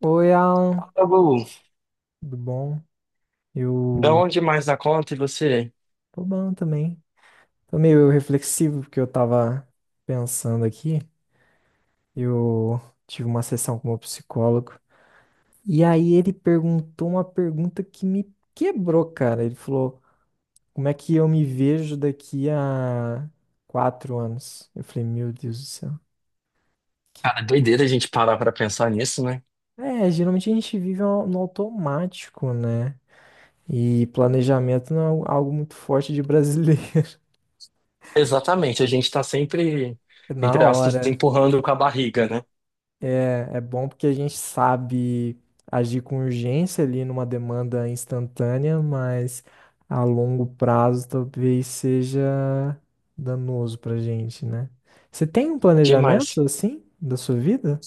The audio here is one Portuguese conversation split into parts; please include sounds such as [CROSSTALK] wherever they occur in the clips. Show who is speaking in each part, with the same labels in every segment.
Speaker 1: Oi, Alan,
Speaker 2: Tá bom.
Speaker 1: tudo bom?
Speaker 2: Da
Speaker 1: Eu
Speaker 2: onde mais na conta e você?
Speaker 1: tô bom também. Tô meio reflexivo porque eu tava pensando aqui. Eu tive uma sessão com o meu psicólogo e aí ele perguntou uma pergunta que me quebrou, cara. Ele falou: como é que eu me vejo daqui a 4 anos? Eu falei: meu Deus do céu. Que...
Speaker 2: Cara, doideira a gente parar pra pensar nisso, né?
Speaker 1: É, geralmente a gente vive no automático, né? E planejamento não é algo muito forte de brasileiro
Speaker 2: Exatamente, a gente tá sempre,
Speaker 1: [LAUGHS] na
Speaker 2: entre aspas,
Speaker 1: hora.
Speaker 2: empurrando com a barriga, né?
Speaker 1: É, é bom porque a gente sabe agir com urgência ali numa demanda instantânea, mas a longo prazo talvez seja danoso pra gente, né? Você tem um planejamento
Speaker 2: Demais.
Speaker 1: assim da sua vida?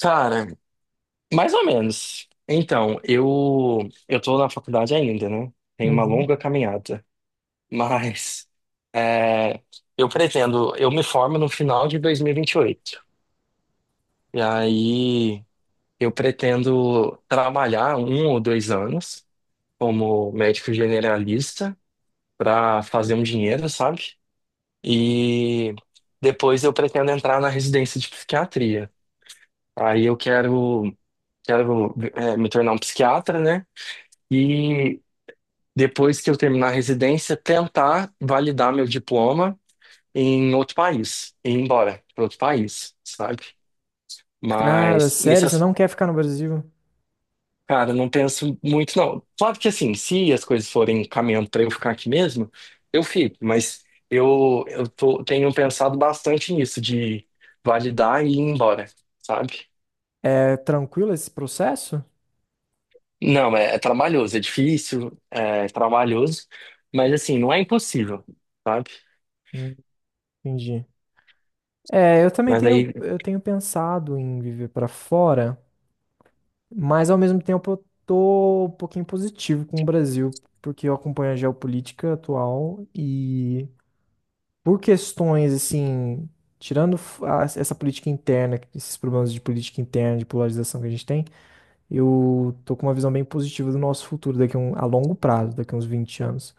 Speaker 2: Cara, mais ou menos. Então, eu tô na faculdade ainda, né? Tem uma
Speaker 1: Uhum.
Speaker 2: longa caminhada. Mas é, eu pretendo, eu me formo no final de 2028. E 28. E aí eu pretendo trabalhar um ou dois anos como médico generalista, para fazer um dinheiro, sabe? E depois eu pretendo entrar na residência de psiquiatria. Aí eu quero me tornar um psiquiatra, né? E depois que eu terminar a residência, tentar validar meu diploma em outro país, e ir embora para outro país, sabe?
Speaker 1: Cara,
Speaker 2: Mas nesse,
Speaker 1: sério, você não quer ficar no Brasil?
Speaker 2: Cara, eu não penso muito, não. Claro que assim, se as coisas forem caminhando para eu ficar aqui mesmo, eu fico, mas tenho pensado bastante nisso, de validar e ir embora, sabe?
Speaker 1: É tranquilo esse processo?
Speaker 2: Não, é trabalhoso, é difícil, é trabalhoso, mas assim, não é impossível, sabe?
Speaker 1: Hum, Entendi. É, eu também
Speaker 2: Mas
Speaker 1: tenho,
Speaker 2: aí
Speaker 1: eu tenho pensado em viver pra fora. Mas ao mesmo tempo eu tô um pouquinho positivo com o Brasil, porque eu acompanho a geopolítica atual e por questões assim, essa política interna, esses problemas de política interna, de polarização que a gente tem, eu tô com uma visão bem positiva do nosso futuro daqui a, um, a longo prazo, daqui a uns 20 anos.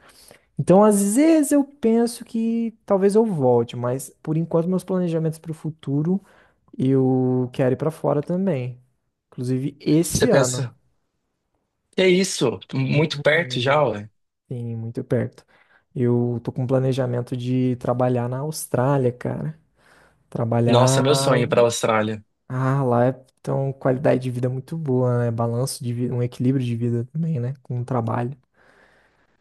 Speaker 1: Então, às vezes eu penso que talvez eu volte, mas por enquanto meus planejamentos para o futuro, eu quero ir para fora também, inclusive
Speaker 2: você
Speaker 1: esse ano.
Speaker 2: pensa, que é isso? Tô muito perto já, ué.
Speaker 1: Sim, muito perto. Eu tô com um planejamento de trabalhar na Austrália, cara.
Speaker 2: Nossa,
Speaker 1: Trabalhar.
Speaker 2: meu sonho é ir pra Austrália.
Speaker 1: Ah, lá é então qualidade de vida muito boa, né? Balanço de vida, um equilíbrio de vida também, né? Com o trabalho.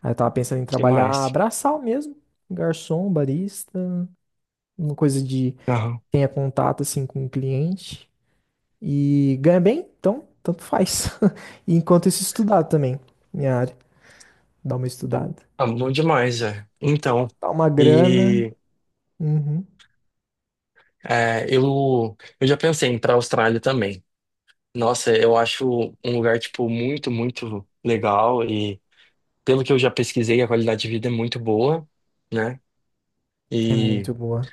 Speaker 1: Aí eu tava pensando em
Speaker 2: Que
Speaker 1: trabalhar
Speaker 2: mais?
Speaker 1: braçal mesmo, garçom, barista, uma coisa de
Speaker 2: Aham.
Speaker 1: tenha contato assim com o cliente e ganha bem, então tanto faz. [LAUGHS] E enquanto isso estudar também, minha área, dar uma estudada,
Speaker 2: Ah, bom demais, é. Então.
Speaker 1: dar uma grana,
Speaker 2: E
Speaker 1: uhum,
Speaker 2: é, eu já pensei em ir para a Austrália também. Nossa, eu acho um lugar, tipo, muito, muito legal e pelo que eu já pesquisei, a qualidade de vida é muito boa, né?
Speaker 1: é
Speaker 2: E
Speaker 1: muito boa.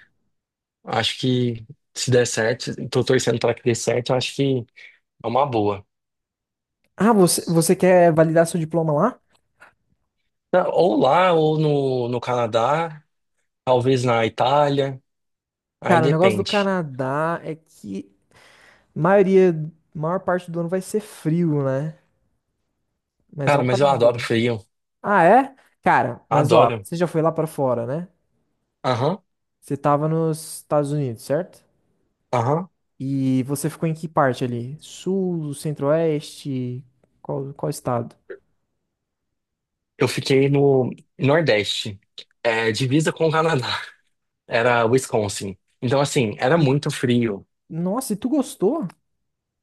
Speaker 2: acho que se der certo, tô torcendo para que dê certo, eu acho que é uma boa.
Speaker 1: Ah, você, você quer validar seu diploma lá?
Speaker 2: Ou lá, ou no, no Canadá, talvez na Itália, aí
Speaker 1: Cara, o negócio do
Speaker 2: depende.
Speaker 1: Canadá é que maioria, maior parte do ano vai ser frio, né? Mas é
Speaker 2: Cara,
Speaker 1: um
Speaker 2: mas
Speaker 1: país
Speaker 2: eu adoro
Speaker 1: bom.
Speaker 2: frio,
Speaker 1: Ah, é? Cara, mas ó,
Speaker 2: adoro.
Speaker 1: você já foi lá pra fora, né?
Speaker 2: Aham,
Speaker 1: Você tava nos Estados Unidos, certo?
Speaker 2: aham.
Speaker 1: E você ficou em que parte ali? Sul, centro-oeste? Qual, qual estado?
Speaker 2: Eu fiquei no Nordeste, é, divisa com o Canadá. Era Wisconsin. Então, assim, era
Speaker 1: E,
Speaker 2: muito frio.
Speaker 1: nossa, e tu gostou?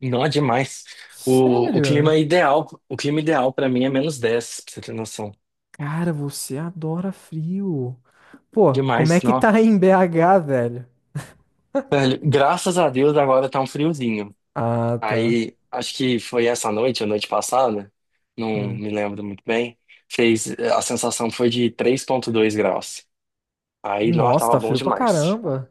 Speaker 2: Não, é demais.
Speaker 1: Sério?
Speaker 2: O clima ideal para mim é -10, pra você ter noção.
Speaker 1: Cara, você adora frio. Pô, como é
Speaker 2: Demais,
Speaker 1: que
Speaker 2: não.
Speaker 1: tá aí em BH, velho?
Speaker 2: Velho, graças a Deus agora tá um friozinho.
Speaker 1: Ah, tá.
Speaker 2: Aí, acho que foi essa noite, a noite passada, não
Speaker 1: Hum.
Speaker 2: me lembro muito bem. Fez, a sensação foi de 3,2 graus. Aí, não,
Speaker 1: Nossa,
Speaker 2: tava
Speaker 1: tá
Speaker 2: bom
Speaker 1: frio pra
Speaker 2: demais.
Speaker 1: caramba.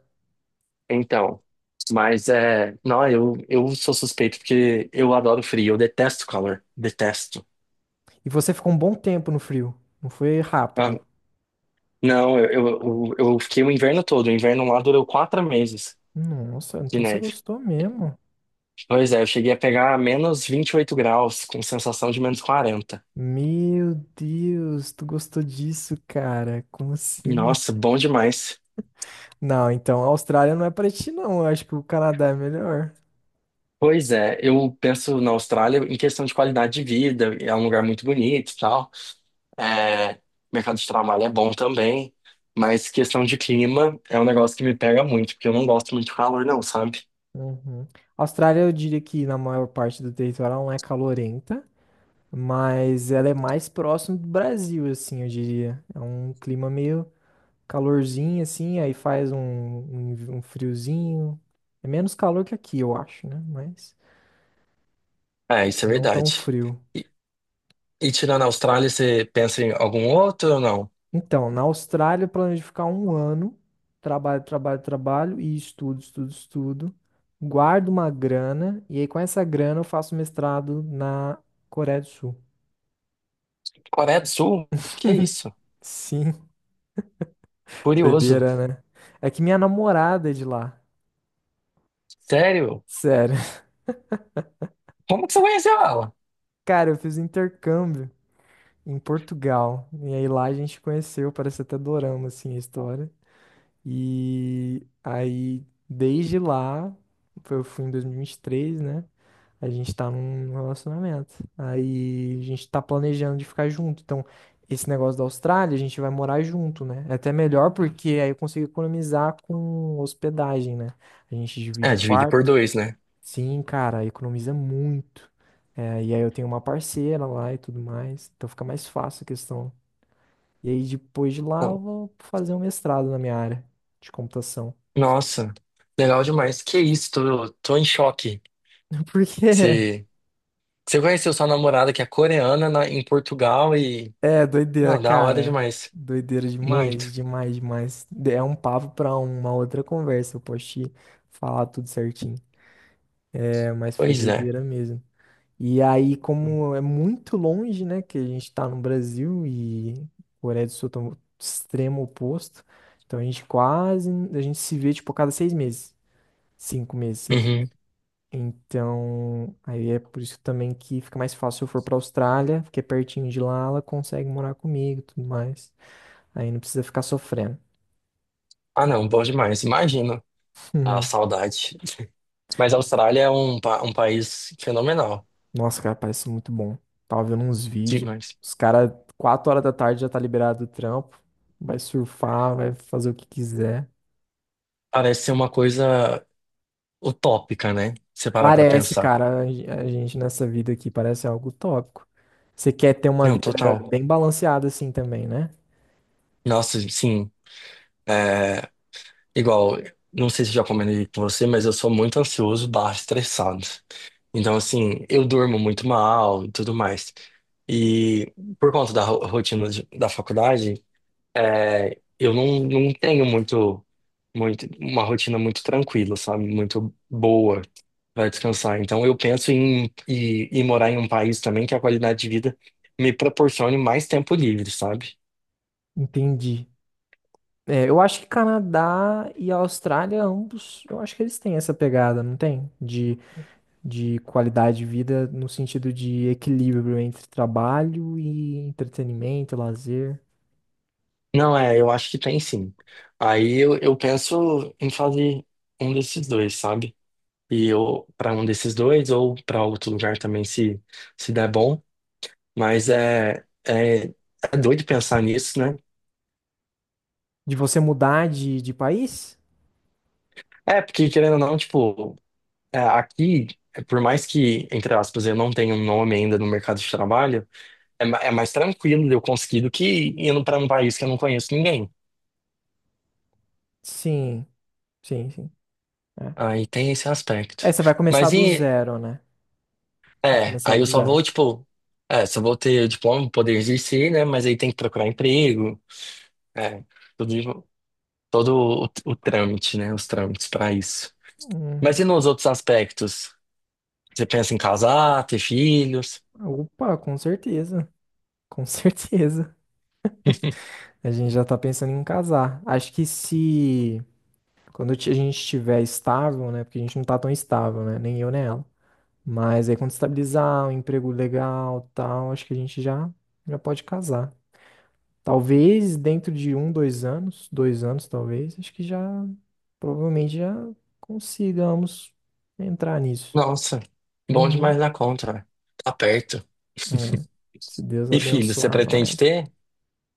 Speaker 2: Então, mas é, não, eu sou suspeito porque eu adoro frio, eu detesto calor, detesto.
Speaker 1: E você ficou um bom tempo no frio. Não foi
Speaker 2: Ah,
Speaker 1: rápido.
Speaker 2: Não, eu fiquei o inverno todo. O inverno lá durou 4 meses
Speaker 1: Nossa,
Speaker 2: de
Speaker 1: então você
Speaker 2: neve.
Speaker 1: gostou mesmo.
Speaker 2: Pois é, eu cheguei a pegar -28 graus, com sensação de -40.
Speaker 1: Meu Deus, tu gostou disso, cara? Como assim?
Speaker 2: Nossa, bom demais.
Speaker 1: Não, então a Austrália não é pra ti, não. Eu acho que o Canadá é melhor.
Speaker 2: Pois é, eu penso na Austrália em questão de qualidade de vida, é um lugar muito bonito e tal. É, mercado de trabalho é bom também, mas questão de clima é um negócio que me pega muito, porque eu não gosto muito de calor, não, sabe?
Speaker 1: Uhum. A Austrália, eu diria que na maior parte do território ela não é calorenta, mas ela é mais próximo do Brasil, assim, eu diria. É um clima meio calorzinho assim, aí faz um friozinho. É menos calor que aqui, eu acho, né? Mas
Speaker 2: É, isso é
Speaker 1: não tão
Speaker 2: verdade.
Speaker 1: frio.
Speaker 2: E, e tirando a Austrália, você pensa em algum outro ou não?
Speaker 1: Então, na Austrália eu planejo ficar um ano, trabalho, trabalho, trabalho e estudo, estudo, estudo. Guardo uma grana e aí com essa grana eu faço mestrado na Coreia do Sul.
Speaker 2: Coreia do Sul? Que é isso?
Speaker 1: Sim, [LAUGHS]
Speaker 2: Curioso.
Speaker 1: doideira, né? É que minha namorada é de lá.
Speaker 2: Sério?
Speaker 1: Sério. [LAUGHS]
Speaker 2: Como que você conheceu ela?
Speaker 1: Cara, eu fiz intercâmbio em Portugal. E aí lá a gente conheceu, parece até dorama, assim, a história. E aí, desde lá, eu fui em 2023, né? A gente tá num relacionamento. Aí a gente tá planejando de ficar junto. Então, esse negócio da Austrália, a gente vai morar junto, né? É até melhor porque aí eu consigo economizar com hospedagem, né? A gente divide
Speaker 2: É,
Speaker 1: o
Speaker 2: divide por
Speaker 1: quarto.
Speaker 2: dois, né?
Speaker 1: Sim, cara, economiza muito. É, e aí eu tenho uma parceira lá e tudo mais, então fica mais fácil a questão. E aí depois de lá eu
Speaker 2: Não.
Speaker 1: vou fazer um mestrado na minha área de computação.
Speaker 2: Nossa, legal demais. Que isso, tô em choque.
Speaker 1: [LAUGHS] Porque é
Speaker 2: Você, você conheceu sua namorada que é coreana em Portugal e.
Speaker 1: é doideira,
Speaker 2: Não, da hora
Speaker 1: cara.
Speaker 2: demais.
Speaker 1: Doideira demais,
Speaker 2: Muito.
Speaker 1: demais, demais. É um papo pra uma outra conversa, eu posso te falar tudo certinho. É, mas foi
Speaker 2: Pois é.
Speaker 1: doideira mesmo. E aí, como é muito longe, né, que a gente está no Brasil e Coreia do Sul tá no extremo oposto, então a gente quase, a gente se vê, tipo, a cada 6 meses, 5 meses, seis.
Speaker 2: Uhum.
Speaker 1: Então, aí é por isso também que fica mais fácil se eu for pra Austrália, porque é pertinho de lá, ela consegue morar comigo e tudo mais. Aí não precisa ficar sofrendo.
Speaker 2: Ah, não, bom demais. Imagino
Speaker 1: [LAUGHS]
Speaker 2: a
Speaker 1: Uhum.
Speaker 2: saudade. Mas a Austrália é um, um país fenomenal.
Speaker 1: Nossa, cara, parece muito bom. Tava vendo uns vídeos,
Speaker 2: Demais.
Speaker 1: os caras, 4 horas da tarde já tá liberado do trampo, vai surfar, vai fazer o que quiser.
Speaker 2: Parece ser uma coisa utópica, né? Se parar pra
Speaker 1: Parece,
Speaker 2: pensar.
Speaker 1: cara, a gente nessa vida aqui parece algo utópico. Você quer ter uma
Speaker 2: Não,
Speaker 1: vida
Speaker 2: total.
Speaker 1: bem balanceada assim também, né?
Speaker 2: Nossa, sim. É, igual, não sei se já comentei com você, mas eu sou muito ansioso barra estressado. Então, assim, eu durmo muito mal e tudo mais. E por conta da rotina da faculdade, é, eu não, não tenho muito, muito, uma rotina muito tranquila, sabe? Muito boa para descansar. Então eu penso em, em morar em um país também que a qualidade de vida me proporcione mais tempo livre, sabe?
Speaker 1: Entendi. É, eu acho que Canadá e Austrália, ambos, eu acho que eles têm essa pegada, não tem? De qualidade de vida no sentido de equilíbrio entre trabalho e entretenimento, lazer.
Speaker 2: Não, é, eu acho que tem sim. Aí eu penso em fazer um desses dois, sabe? E ou para um desses dois ou para outro lugar também se der bom, mas é doido pensar nisso, né?
Speaker 1: De você mudar de país?
Speaker 2: É, porque querendo ou não, tipo, é, aqui, é, por mais que, entre aspas, eu não tenha um nome ainda no mercado de trabalho, é, é mais tranquilo de eu conseguir do que indo para um país que eu não conheço ninguém.
Speaker 1: Sim, sim, sim. É.
Speaker 2: Aí tem esse
Speaker 1: É,
Speaker 2: aspecto.
Speaker 1: você vai começar
Speaker 2: Mas
Speaker 1: do
Speaker 2: e,
Speaker 1: zero, né? Vai começar
Speaker 2: aí
Speaker 1: do
Speaker 2: eu só
Speaker 1: zero.
Speaker 2: vou, tipo, é, só vou ter diploma, poder exercer, né? Mas aí tem que procurar emprego, é, tudo isso. Todo o, o trâmite, né? Os trâmites para isso. Mas
Speaker 1: Hum,
Speaker 2: e nos outros aspectos? Você pensa em casar, ter filhos?
Speaker 1: Opa, com certeza. Com [LAUGHS] certeza.
Speaker 2: [LAUGHS]
Speaker 1: A gente já tá pensando em casar. Acho que se a gente estiver estável, né? Porque a gente não tá tão estável, né? Nem eu, nem ela. Mas aí quando estabilizar um emprego legal, tal, acho que a gente já pode casar. Talvez dentro de um, 2 anos, 2 anos talvez, acho que já provavelmente já consigamos entrar nisso.
Speaker 2: Nossa, bom
Speaker 1: Uhum,
Speaker 2: demais na conta, velho. Tá perto.
Speaker 1: é. Se Deus
Speaker 2: E filhos, você
Speaker 1: abençoar
Speaker 2: pretende
Speaker 1: nós.
Speaker 2: ter?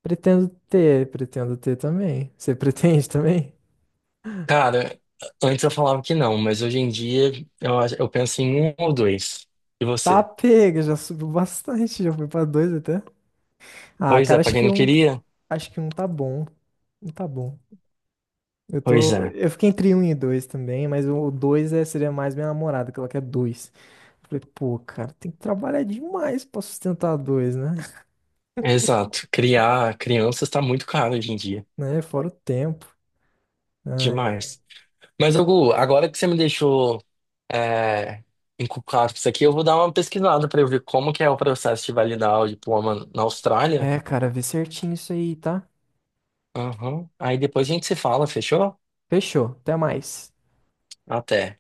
Speaker 1: Pretendo ter também. Você pretende [LAUGHS] também?
Speaker 2: Cara, antes eu falava que não, mas hoje em dia eu penso em um ou dois. E
Speaker 1: Tá
Speaker 2: você?
Speaker 1: pega, já subiu bastante, já foi pra dois até. Ah,
Speaker 2: Pois é,
Speaker 1: cara,
Speaker 2: pra quem não queria?
Speaker 1: acho que um tá bom, um tá bom. Eu
Speaker 2: Pois
Speaker 1: tô,
Speaker 2: é.
Speaker 1: eu fiquei entre um e dois também, mas o dois é, seria mais minha namorada, que ela quer dois. Eu falei, pô, cara, tem que trabalhar demais pra sustentar dois, né? [LAUGHS]
Speaker 2: Exato. Criar crianças tá muito caro hoje em dia.
Speaker 1: Né? Fora o tempo. Né?
Speaker 2: Demais. Mas, Hugo, agora que você me deixou é, encucado com isso aqui, eu vou dar uma pesquisada para eu ver como que é o processo de validar o diploma na Austrália.
Speaker 1: É, cara, vê certinho isso aí, tá?
Speaker 2: Aham. Aí depois a gente se fala, fechou?
Speaker 1: Fechou, até mais.
Speaker 2: Até.